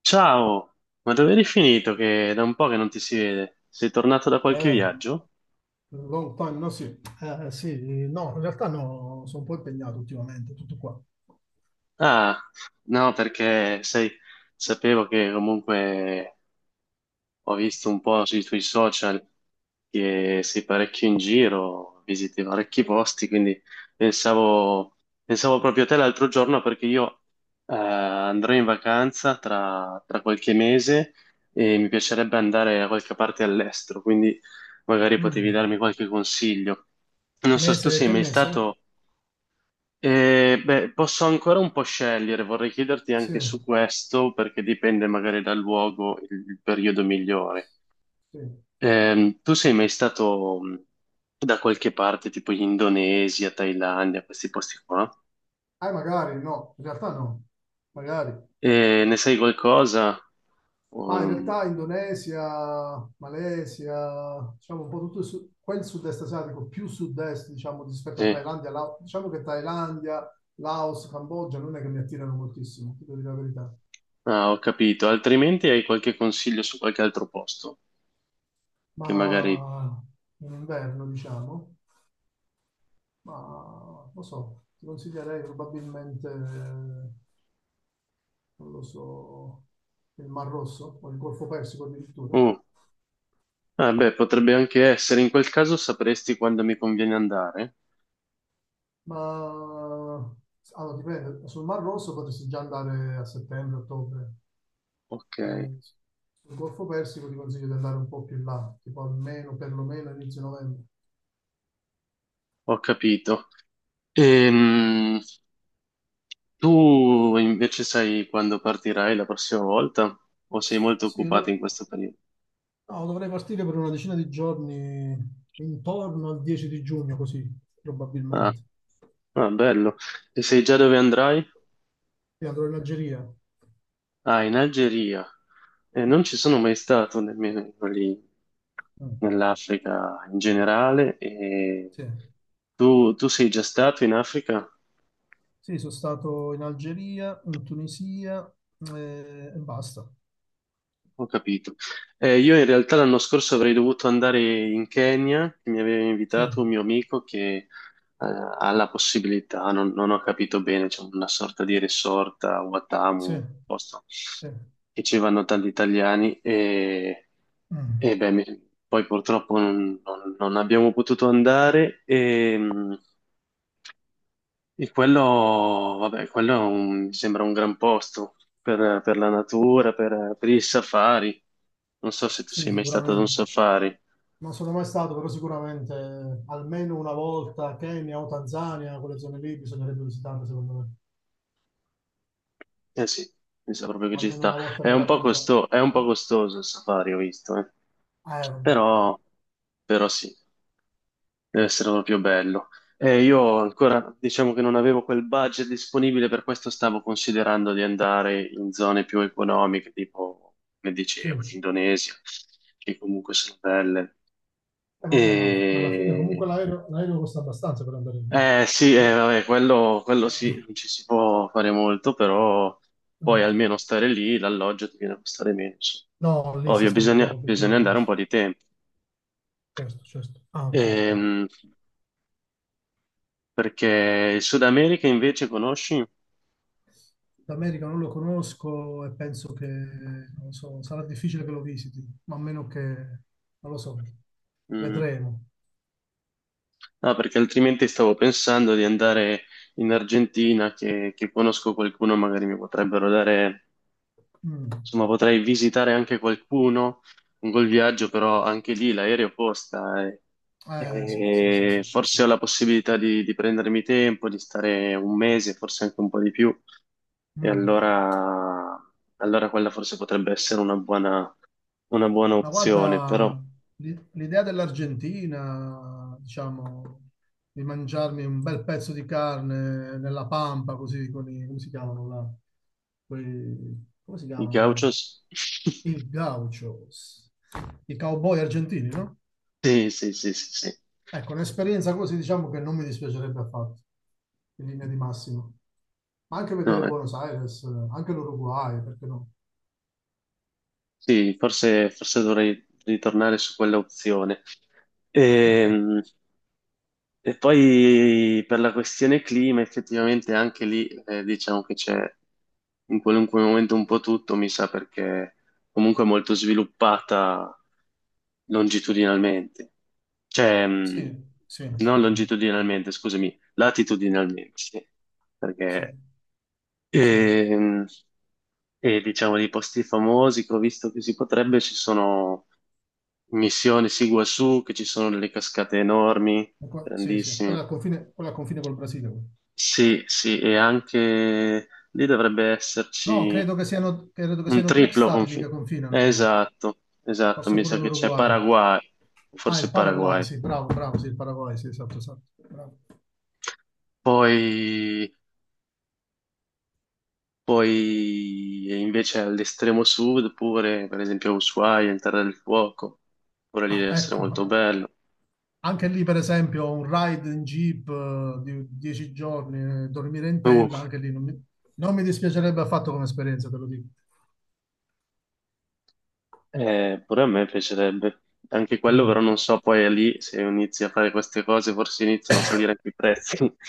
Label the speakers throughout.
Speaker 1: Ciao, ma dove eri finito? Che è da un po' che non ti si vede. Sei tornato da qualche
Speaker 2: Eh,
Speaker 1: viaggio?
Speaker 2: Long time, no sì. Sì, no, in realtà no, sono un po' impegnato ultimamente, tutto qua.
Speaker 1: Ah, no, perché sai, sapevo che comunque ho visto un po' sui tuoi social che sei parecchio in giro, visiti parecchi posti, quindi pensavo, pensavo proprio a te l'altro giorno perché io andrò in vacanza tra qualche mese e mi piacerebbe andare a qualche parte all'estero, quindi magari potevi
Speaker 2: Mm,
Speaker 1: darmi qualche consiglio. Non so se tu
Speaker 2: mese,
Speaker 1: sei
Speaker 2: che
Speaker 1: mai
Speaker 2: mese?
Speaker 1: stato... beh, posso ancora un po' scegliere, vorrei chiederti
Speaker 2: Sì,
Speaker 1: anche su questo perché dipende magari dal luogo il periodo migliore.
Speaker 2: sì.
Speaker 1: Tu sei mai stato da qualche parte, tipo in Indonesia, Thailandia, questi posti qua?
Speaker 2: Magari no, in realtà no, magari.
Speaker 1: E ne sai qualcosa?
Speaker 2: Ma in
Speaker 1: Um,
Speaker 2: realtà Indonesia, Malesia, diciamo un po' tutto il quel sud-est asiatico, più sud-est, diciamo, rispetto a
Speaker 1: sì.
Speaker 2: Thailandia, diciamo che Thailandia, Laos, Cambogia non è che mi attirano moltissimo, ti devo dire la verità.
Speaker 1: Ah, ho capito. Altrimenti hai qualche consiglio su qualche altro posto che magari...
Speaker 2: Ma in inverno, diciamo. Ma lo so, ti consiglierei probabilmente, non lo so, il Mar Rosso o il Golfo Persico addirittura,
Speaker 1: Uh, ah, beh, potrebbe anche essere. In quel caso sapresti quando mi conviene andare?
Speaker 2: ma allora, dipende, sul Mar Rosso potresti già andare a settembre, ottobre.
Speaker 1: Ok,
Speaker 2: Sul Golfo Persico ti consiglio di andare un po' più in là, tipo almeno, perlomeno inizio novembre.
Speaker 1: ho capito. Ehm, Tu invece sai quando partirai la prossima volta? O sei molto
Speaker 2: Sì, io
Speaker 1: occupato in
Speaker 2: do-
Speaker 1: questo periodo?
Speaker 2: no, dovrei partire per una decina di giorni intorno al 10 di giugno, così
Speaker 1: Ah.
Speaker 2: probabilmente.
Speaker 1: Ah, bello. E sai già dove andrai?
Speaker 2: E andrò in Algeria.
Speaker 1: Ah, in Algeria. Non ci sono mai stato nemmeno lì,
Speaker 2: Mm,
Speaker 1: nell'Africa in generale. E
Speaker 2: sì.
Speaker 1: tu sei già stato in Africa?
Speaker 2: Sì, sono stato in Algeria, in Tunisia e basta.
Speaker 1: Ho capito. Io in realtà l'anno scorso avrei dovuto andare in Kenya, mi aveva
Speaker 2: Sì,
Speaker 1: invitato un mio amico che eh, ha la possibilità, non ho capito bene, c'è una sorta di resort a Watamu,
Speaker 2: sì,
Speaker 1: un posto
Speaker 2: sì.
Speaker 1: che ci vanno tanti italiani. E
Speaker 2: Mm.
Speaker 1: beh, poi purtroppo non abbiamo potuto andare e, e quello, vabbè, quello è mi sembra un gran posto per la natura, per i safari. Non so se tu
Speaker 2: Sì,
Speaker 1: sei mai stato ad un
Speaker 2: sicuramente.
Speaker 1: safari.
Speaker 2: Non sono mai stato, però sicuramente almeno una volta Kenya o Tanzania, quelle zone lì bisognerebbe visitarle, secondo me.
Speaker 1: Eh sì, mi sa proprio che ci
Speaker 2: Almeno
Speaker 1: sta.
Speaker 2: una volta
Speaker 1: È un
Speaker 2: nella
Speaker 1: po'
Speaker 2: vita.
Speaker 1: è un po' costoso il safari, ho visto, eh.
Speaker 2: Vabbè.
Speaker 1: Però, però sì. Deve essere proprio bello. Io ancora, diciamo che non avevo quel budget disponibile, per questo stavo considerando di andare in zone più economiche, tipo, come
Speaker 2: Sì,
Speaker 1: dicevo, l'Indonesia, che comunque sono belle.
Speaker 2: vabbè, ma alla fine
Speaker 1: E...
Speaker 2: comunque l'aereo costa abbastanza per andare lì.
Speaker 1: Eh sì,
Speaker 2: Sì.
Speaker 1: vabbè, quello
Speaker 2: Eh,
Speaker 1: sì, non ci si può fare molto, però poi
Speaker 2: eh.
Speaker 1: almeno stare lì, l'alloggio ti viene a costare meno. Insomma.
Speaker 2: No, lì si
Speaker 1: Ovvio,
Speaker 2: spende poco,
Speaker 1: bisogna andare
Speaker 2: obiettivamente.
Speaker 1: un po' di tempo.
Speaker 2: Certo, certo. Ah, ok, ok.
Speaker 1: Ehm, Perché il Sud America invece conosci?
Speaker 2: L'America non lo conosco e penso che, non so, sarà difficile che lo visiti, ma a meno che, non lo so,
Speaker 1: Mm.
Speaker 2: vedremo.
Speaker 1: No, perché altrimenti stavo pensando di andare in Argentina, che conosco qualcuno, magari mi potrebbero dare,
Speaker 2: Mm.
Speaker 1: insomma, potrei visitare anche qualcuno con quel viaggio, però anche lì l'aereo costa
Speaker 2: Sì, sì, sì,
Speaker 1: e
Speaker 2: sì,
Speaker 1: forse
Speaker 2: sì.
Speaker 1: ho la possibilità di prendermi tempo, di stare un mese, forse anche un po' di più, e
Speaker 2: Mm.
Speaker 1: allora, allora quella forse potrebbe essere una buona
Speaker 2: Ma
Speaker 1: opzione, però
Speaker 2: guarda, l'idea dell'Argentina, diciamo, di mangiarmi un bel pezzo di carne nella pampa, così con i, come si chiamano là? Come si
Speaker 1: i
Speaker 2: chiamano?
Speaker 1: gauchos...
Speaker 2: I gauchos, i cowboy argentini, no?
Speaker 1: Sì, sì, sì, sì, sì.
Speaker 2: Ecco, un'esperienza così diciamo che non mi dispiacerebbe affatto, in linea di massima. Ma anche
Speaker 1: No,
Speaker 2: vedere
Speaker 1: eh.
Speaker 2: Buenos Aires, anche l'Uruguay, perché no?
Speaker 1: Sì, forse, forse dovrei ritornare su quella opzione. Ehm, E poi per la questione clima, effettivamente anche lì diciamo che c'è in qualunque momento un po' tutto, mi sa, perché comunque è molto sviluppata longitudinalmente. Cioè,
Speaker 2: Sì, sì,
Speaker 1: non
Speaker 2: sì, sì,
Speaker 1: longitudinalmente, scusami, latitudinalmente, sì,
Speaker 2: sì,
Speaker 1: perché...
Speaker 2: sì, e
Speaker 1: Ehm, e diciamo di posti famosi che ho visto che si potrebbe, ci sono Missione Siguasù, che ci sono delle cascate enormi,
Speaker 2: sì, sì.
Speaker 1: grandissime.
Speaker 2: Quella al confine col Brasile, quella.
Speaker 1: Sì, sì, e anche lì dovrebbe
Speaker 2: No,
Speaker 1: esserci
Speaker 2: credo che
Speaker 1: un
Speaker 2: siano tre
Speaker 1: triplo
Speaker 2: stati lì che
Speaker 1: confine.
Speaker 2: confinano lì,
Speaker 1: Esatto, esatto,
Speaker 2: forse
Speaker 1: mi
Speaker 2: pure
Speaker 1: sa che c'è
Speaker 2: l'Uruguay.
Speaker 1: Paraguay,
Speaker 2: Ah,
Speaker 1: forse
Speaker 2: il Paraguay,
Speaker 1: Paraguay.
Speaker 2: sì, bravo, bravo, sì, il Paraguay, sì, esatto, esatto, bravo.
Speaker 1: Poi, poi invece all'estremo sud, pure per esempio Ushuaia, in Terra del Fuoco, pure lì
Speaker 2: Ah,
Speaker 1: deve essere molto
Speaker 2: ecco,
Speaker 1: bello.
Speaker 2: anche lì, per esempio, un ride in jeep di 10 giorni, dormire in
Speaker 1: Uh,
Speaker 2: tenda, anche lì non mi, non mi dispiacerebbe affatto come esperienza, te lo dico.
Speaker 1: pure a me piacerebbe. Anche quello, però
Speaker 2: Mm.
Speaker 1: non so poi è lì se inizi a fare queste cose, forse iniziano a salire anche i prezzi.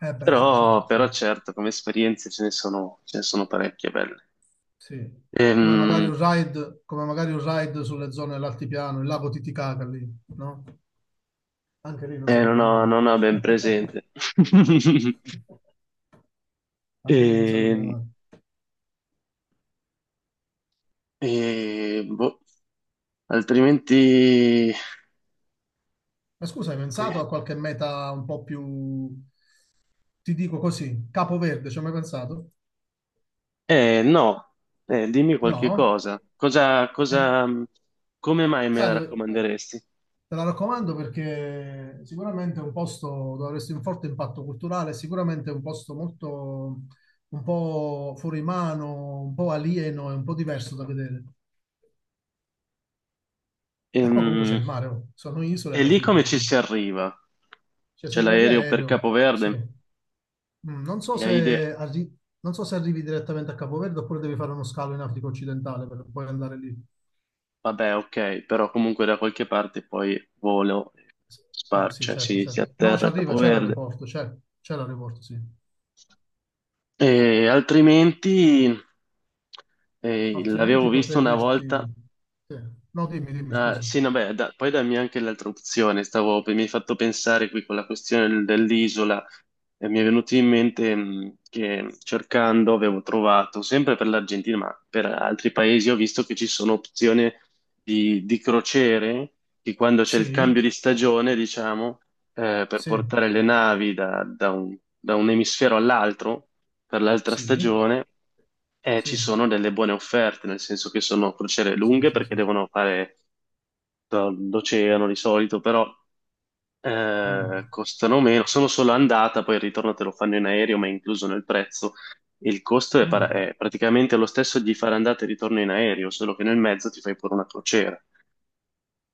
Speaker 2: Eh beh, sì,
Speaker 1: Però,
Speaker 2: certo,
Speaker 1: però
Speaker 2: certo.
Speaker 1: certo, come esperienze ce ne sono parecchie belle.
Speaker 2: Sì. Come magari
Speaker 1: Ehm,
Speaker 2: un ride, come magari un ride sulle zone dell'altipiano, il lago Titicaca lì, no? Anche lì non
Speaker 1: eh, non
Speaker 2: sarebbe
Speaker 1: ho,
Speaker 2: male.
Speaker 1: non ho ben presente.
Speaker 2: Anche lì non sarebbe
Speaker 1: E,
Speaker 2: male.
Speaker 1: e, boh, altrimenti,
Speaker 2: Ma scusa, hai pensato
Speaker 1: eh,
Speaker 2: a qualche meta un po' più, ti dico così, Capo Verde, ci hai mai pensato?
Speaker 1: no, eh, dimmi qualche
Speaker 2: No?
Speaker 1: cosa. Cosa,
Speaker 2: Eh,
Speaker 1: cosa, come mai me
Speaker 2: sai
Speaker 1: la
Speaker 2: dove...
Speaker 1: raccomanderesti?
Speaker 2: Te la raccomando perché sicuramente è un posto dove avresti un forte impatto culturale, sicuramente è un posto molto, un po' fuori mano, un po' alieno e un po' diverso da vedere. E poi comunque c'è
Speaker 1: Ehm,
Speaker 2: il mare, oh. Sono isole
Speaker 1: E
Speaker 2: alla
Speaker 1: lì
Speaker 2: fine,
Speaker 1: come
Speaker 2: non è
Speaker 1: ci
Speaker 2: che...
Speaker 1: si arriva?
Speaker 2: Cioè se
Speaker 1: C'è
Speaker 2: arriva via
Speaker 1: l'aereo per
Speaker 2: aereo, sì.
Speaker 1: Capoverde
Speaker 2: Mm,
Speaker 1: e hai idea,
Speaker 2: non so se arrivi direttamente a Capoverde oppure devi fare uno scalo in Africa occidentale per poi andare lì.
Speaker 1: vabbè, ok, però comunque da qualche parte poi volo, spar,
Speaker 2: Sì,
Speaker 1: cioè
Speaker 2: certo,
Speaker 1: si
Speaker 2: certo. No, ci
Speaker 1: atterra a
Speaker 2: arriva,
Speaker 1: Capoverde.
Speaker 2: c'è l'aeroporto, sì.
Speaker 1: E altrimenti l'avevo
Speaker 2: Altrimenti
Speaker 1: visto
Speaker 2: potrei
Speaker 1: una volta.
Speaker 2: dirti... sì. No, dimmi, dimmi,
Speaker 1: Ah,
Speaker 2: scusa.
Speaker 1: sì, no, beh, poi dammi anche l'altra opzione. Stavo, mi hai fatto pensare qui con la questione dell'isola. E mi è venuto in mente che cercando avevo trovato, sempre per l'Argentina, ma per altri paesi, ho visto che ci sono opzioni di crociere che quando c'è il
Speaker 2: Sì,
Speaker 1: cambio di stagione, diciamo, per
Speaker 2: sì,
Speaker 1: portare le navi da da un emisfero all'altro, per l'altra
Speaker 2: sì,
Speaker 1: stagione, ci
Speaker 2: sì,
Speaker 1: sono delle buone offerte, nel senso che sono crociere
Speaker 2: sì,
Speaker 1: lunghe
Speaker 2: sì,
Speaker 1: perché
Speaker 2: sì.
Speaker 1: devono fare l'oceano di solito, però
Speaker 2: Mm,
Speaker 1: costano meno. Sono solo andata, poi il ritorno te lo fanno in aereo, ma è incluso nel prezzo. Il costo è,
Speaker 2: mm.
Speaker 1: è praticamente lo stesso di fare andata e ritorno in aereo, solo che nel mezzo ti fai pure una crociera.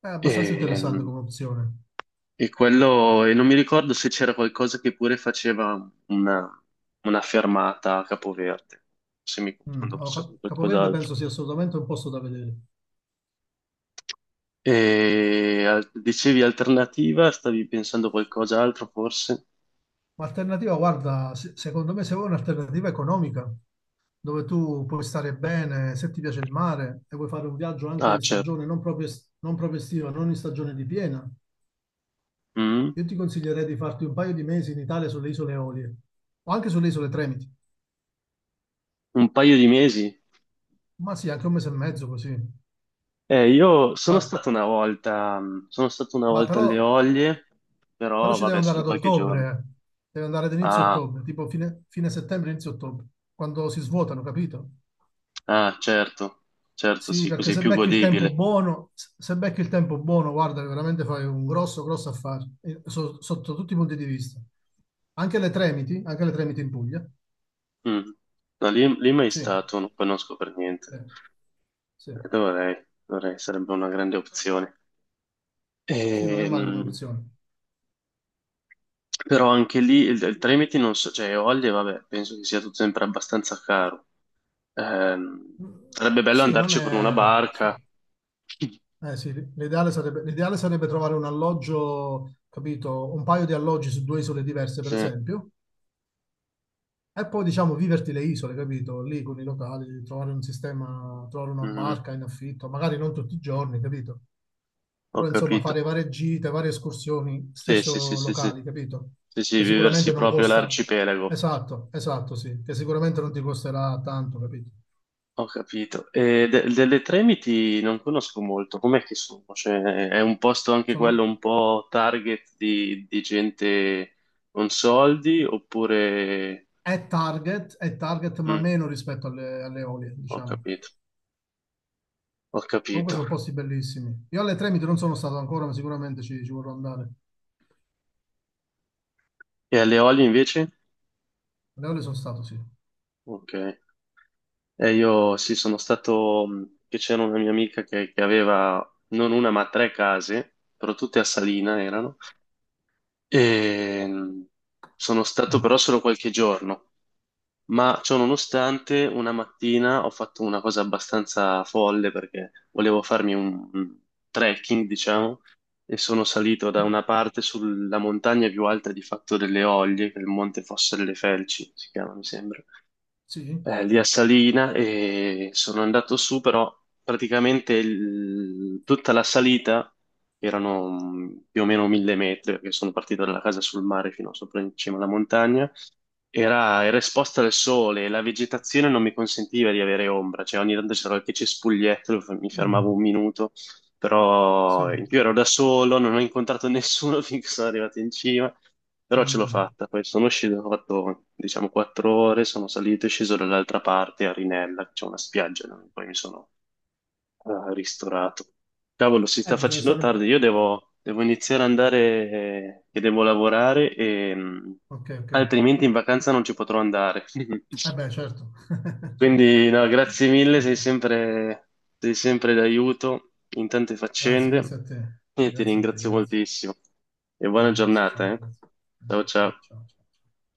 Speaker 2: È
Speaker 1: E,
Speaker 2: abbastanza interessante come opzione.
Speaker 1: e quello, e non mi ricordo se c'era qualcosa che pure faceva una fermata a Capoverde, se mi confondo
Speaker 2: Mm. Allora,
Speaker 1: forse con
Speaker 2: Capoverde
Speaker 1: qualcos'altro.
Speaker 2: penso sia assolutamente un posto da vedere.
Speaker 1: E dicevi alternativa, stavi pensando a qualcos'altro forse?
Speaker 2: Ma alternativa, guarda, secondo me se vuoi un'alternativa economica, dove tu puoi stare bene, se ti piace il mare e vuoi fare un viaggio anche
Speaker 1: Ah,
Speaker 2: in
Speaker 1: certo.
Speaker 2: stagione non proprio, non proprio estiva, non in stagione di piena,
Speaker 1: Mm,
Speaker 2: io ti consiglierei di farti un paio di mesi in Italia sulle isole Eolie o anche sulle isole Tremiti.
Speaker 1: un paio di mesi.
Speaker 2: Ma sì, anche un mese e mezzo così.
Speaker 1: Io sono
Speaker 2: Ma,
Speaker 1: stato una volta, sono stato una
Speaker 2: ma
Speaker 1: volta alle
Speaker 2: però,
Speaker 1: Olie,
Speaker 2: però
Speaker 1: però
Speaker 2: ci devi
Speaker 1: vabbè,
Speaker 2: andare
Speaker 1: solo
Speaker 2: ad
Speaker 1: qualche giorno.
Speaker 2: ottobre, eh. Devi andare ad inizio
Speaker 1: Ah,
Speaker 2: ottobre, tipo fine, fine settembre, inizio ottobre, quando si svuotano, capito?
Speaker 1: ah, certo, certo,
Speaker 2: Sì,
Speaker 1: sì,
Speaker 2: perché
Speaker 1: così è
Speaker 2: se
Speaker 1: più
Speaker 2: becchi il tempo
Speaker 1: godibile.
Speaker 2: buono, se becchi il tempo buono, guarda, veramente fai un grosso, grosso affare, sotto tutti i punti di vista. Anche le Tremiti in Puglia.
Speaker 1: Mm. No, lì, lì mai
Speaker 2: Sì,
Speaker 1: stato, non conosco per niente.
Speaker 2: eh, sì,
Speaker 1: Dovrei, dovrei, sarebbe una grande opzione.
Speaker 2: sì, non è male come
Speaker 1: Ehm,
Speaker 2: opzione.
Speaker 1: Però anche lì il Tremiti non so, cioè Olie, vabbè, penso che sia tutto sempre abbastanza caro. Ehm,
Speaker 2: Mm,
Speaker 1: Sarebbe bello
Speaker 2: sì, non
Speaker 1: andarci con una
Speaker 2: è... sì.
Speaker 1: barca.
Speaker 2: Eh sì, l'ideale sarebbe trovare un alloggio, capito? Un paio di alloggi su due isole diverse, per
Speaker 1: Sì.
Speaker 2: esempio, e poi, diciamo, viverti le isole, capito? Lì con i locali, trovare un sistema, trovare una
Speaker 1: Mm,
Speaker 2: barca in affitto, magari non tutti i giorni, capito?
Speaker 1: ho
Speaker 2: Però, insomma,
Speaker 1: capito.
Speaker 2: fare varie gite, varie escursioni,
Speaker 1: Sì, sì, sì,
Speaker 2: stesso
Speaker 1: sì, sì.
Speaker 2: locali, capito?
Speaker 1: Sì, sì,
Speaker 2: Che sicuramente
Speaker 1: viversi
Speaker 2: non
Speaker 1: proprio
Speaker 2: costa...
Speaker 1: l'arcipelago.
Speaker 2: Esatto, esatto, sì, che sicuramente non ti costerà tanto, capito?
Speaker 1: Ho capito. E delle Tremiti non conosco molto. Com'è che sono? Cioè, è un posto anche quello
Speaker 2: Sono...
Speaker 1: un po' target di gente con soldi oppure...
Speaker 2: è target, ma
Speaker 1: Mm,
Speaker 2: meno rispetto alle, alle olie,
Speaker 1: ho
Speaker 2: diciamo.
Speaker 1: capito, ho
Speaker 2: Comunque
Speaker 1: capito.
Speaker 2: sono posti bellissimi. Io alle Tremiti non sono stato ancora, ma sicuramente ci vorrò andare.
Speaker 1: E alle Olie invece?
Speaker 2: Alle olie sono stato, sì.
Speaker 1: Ok. E io sì, sono stato, che c'era una mia amica che aveva non una ma tre case, però tutte a Salina erano. E sono stato però
Speaker 2: Mm.
Speaker 1: solo qualche giorno, ma ciononostante una mattina ho fatto una cosa abbastanza folle perché volevo farmi un trekking, diciamo, e sono salito da una parte sulla montagna più alta di Fatto delle Oglie, che è il Monte Fosse delle Felci, si chiama, mi sembra
Speaker 2: Sì?
Speaker 1: lì a Salina e sono andato su, però praticamente tutta la salita erano più o meno 1000 metri, perché sono partito dalla casa sul mare fino a sopra in cima alla montagna era, era esposta al sole e la vegetazione non mi consentiva di avere ombra, cioè ogni tanto c'era qualche cespuglietto, mi fermavo
Speaker 2: Mm.
Speaker 1: un minuto,
Speaker 2: Sì.
Speaker 1: però in più ero da solo, non ho incontrato nessuno finché sono arrivato in cima, però ce l'ho
Speaker 2: Mm.
Speaker 1: fatta, poi sono sceso, ho fatto diciamo 4 ore, sono salito e sceso dall'altra parte a Rinella, c'è una spiaggia, no? Poi mi sono ah, ristorato. Cavolo, si sta
Speaker 2: Bisogna
Speaker 1: facendo
Speaker 2: stare un po'.
Speaker 1: tardi. Io devo iniziare ad andare che devo lavorare e
Speaker 2: Ok, ok.
Speaker 1: altrimenti in vacanza non ci potrò andare.
Speaker 2: Eh beh, certo. Certo.
Speaker 1: Quindi, no, grazie mille, sei sempre d'aiuto in tante
Speaker 2: Grazie, grazie
Speaker 1: faccende
Speaker 2: a te.
Speaker 1: e ti
Speaker 2: Grazie a te,
Speaker 1: ringrazio
Speaker 2: grazie.
Speaker 1: moltissimo. E buona
Speaker 2: Grazie,
Speaker 1: giornata,
Speaker 2: ciao,
Speaker 1: eh.
Speaker 2: grazie.
Speaker 1: Ciao
Speaker 2: Anche a te,
Speaker 1: ciao.
Speaker 2: ciao, ciao, ciao.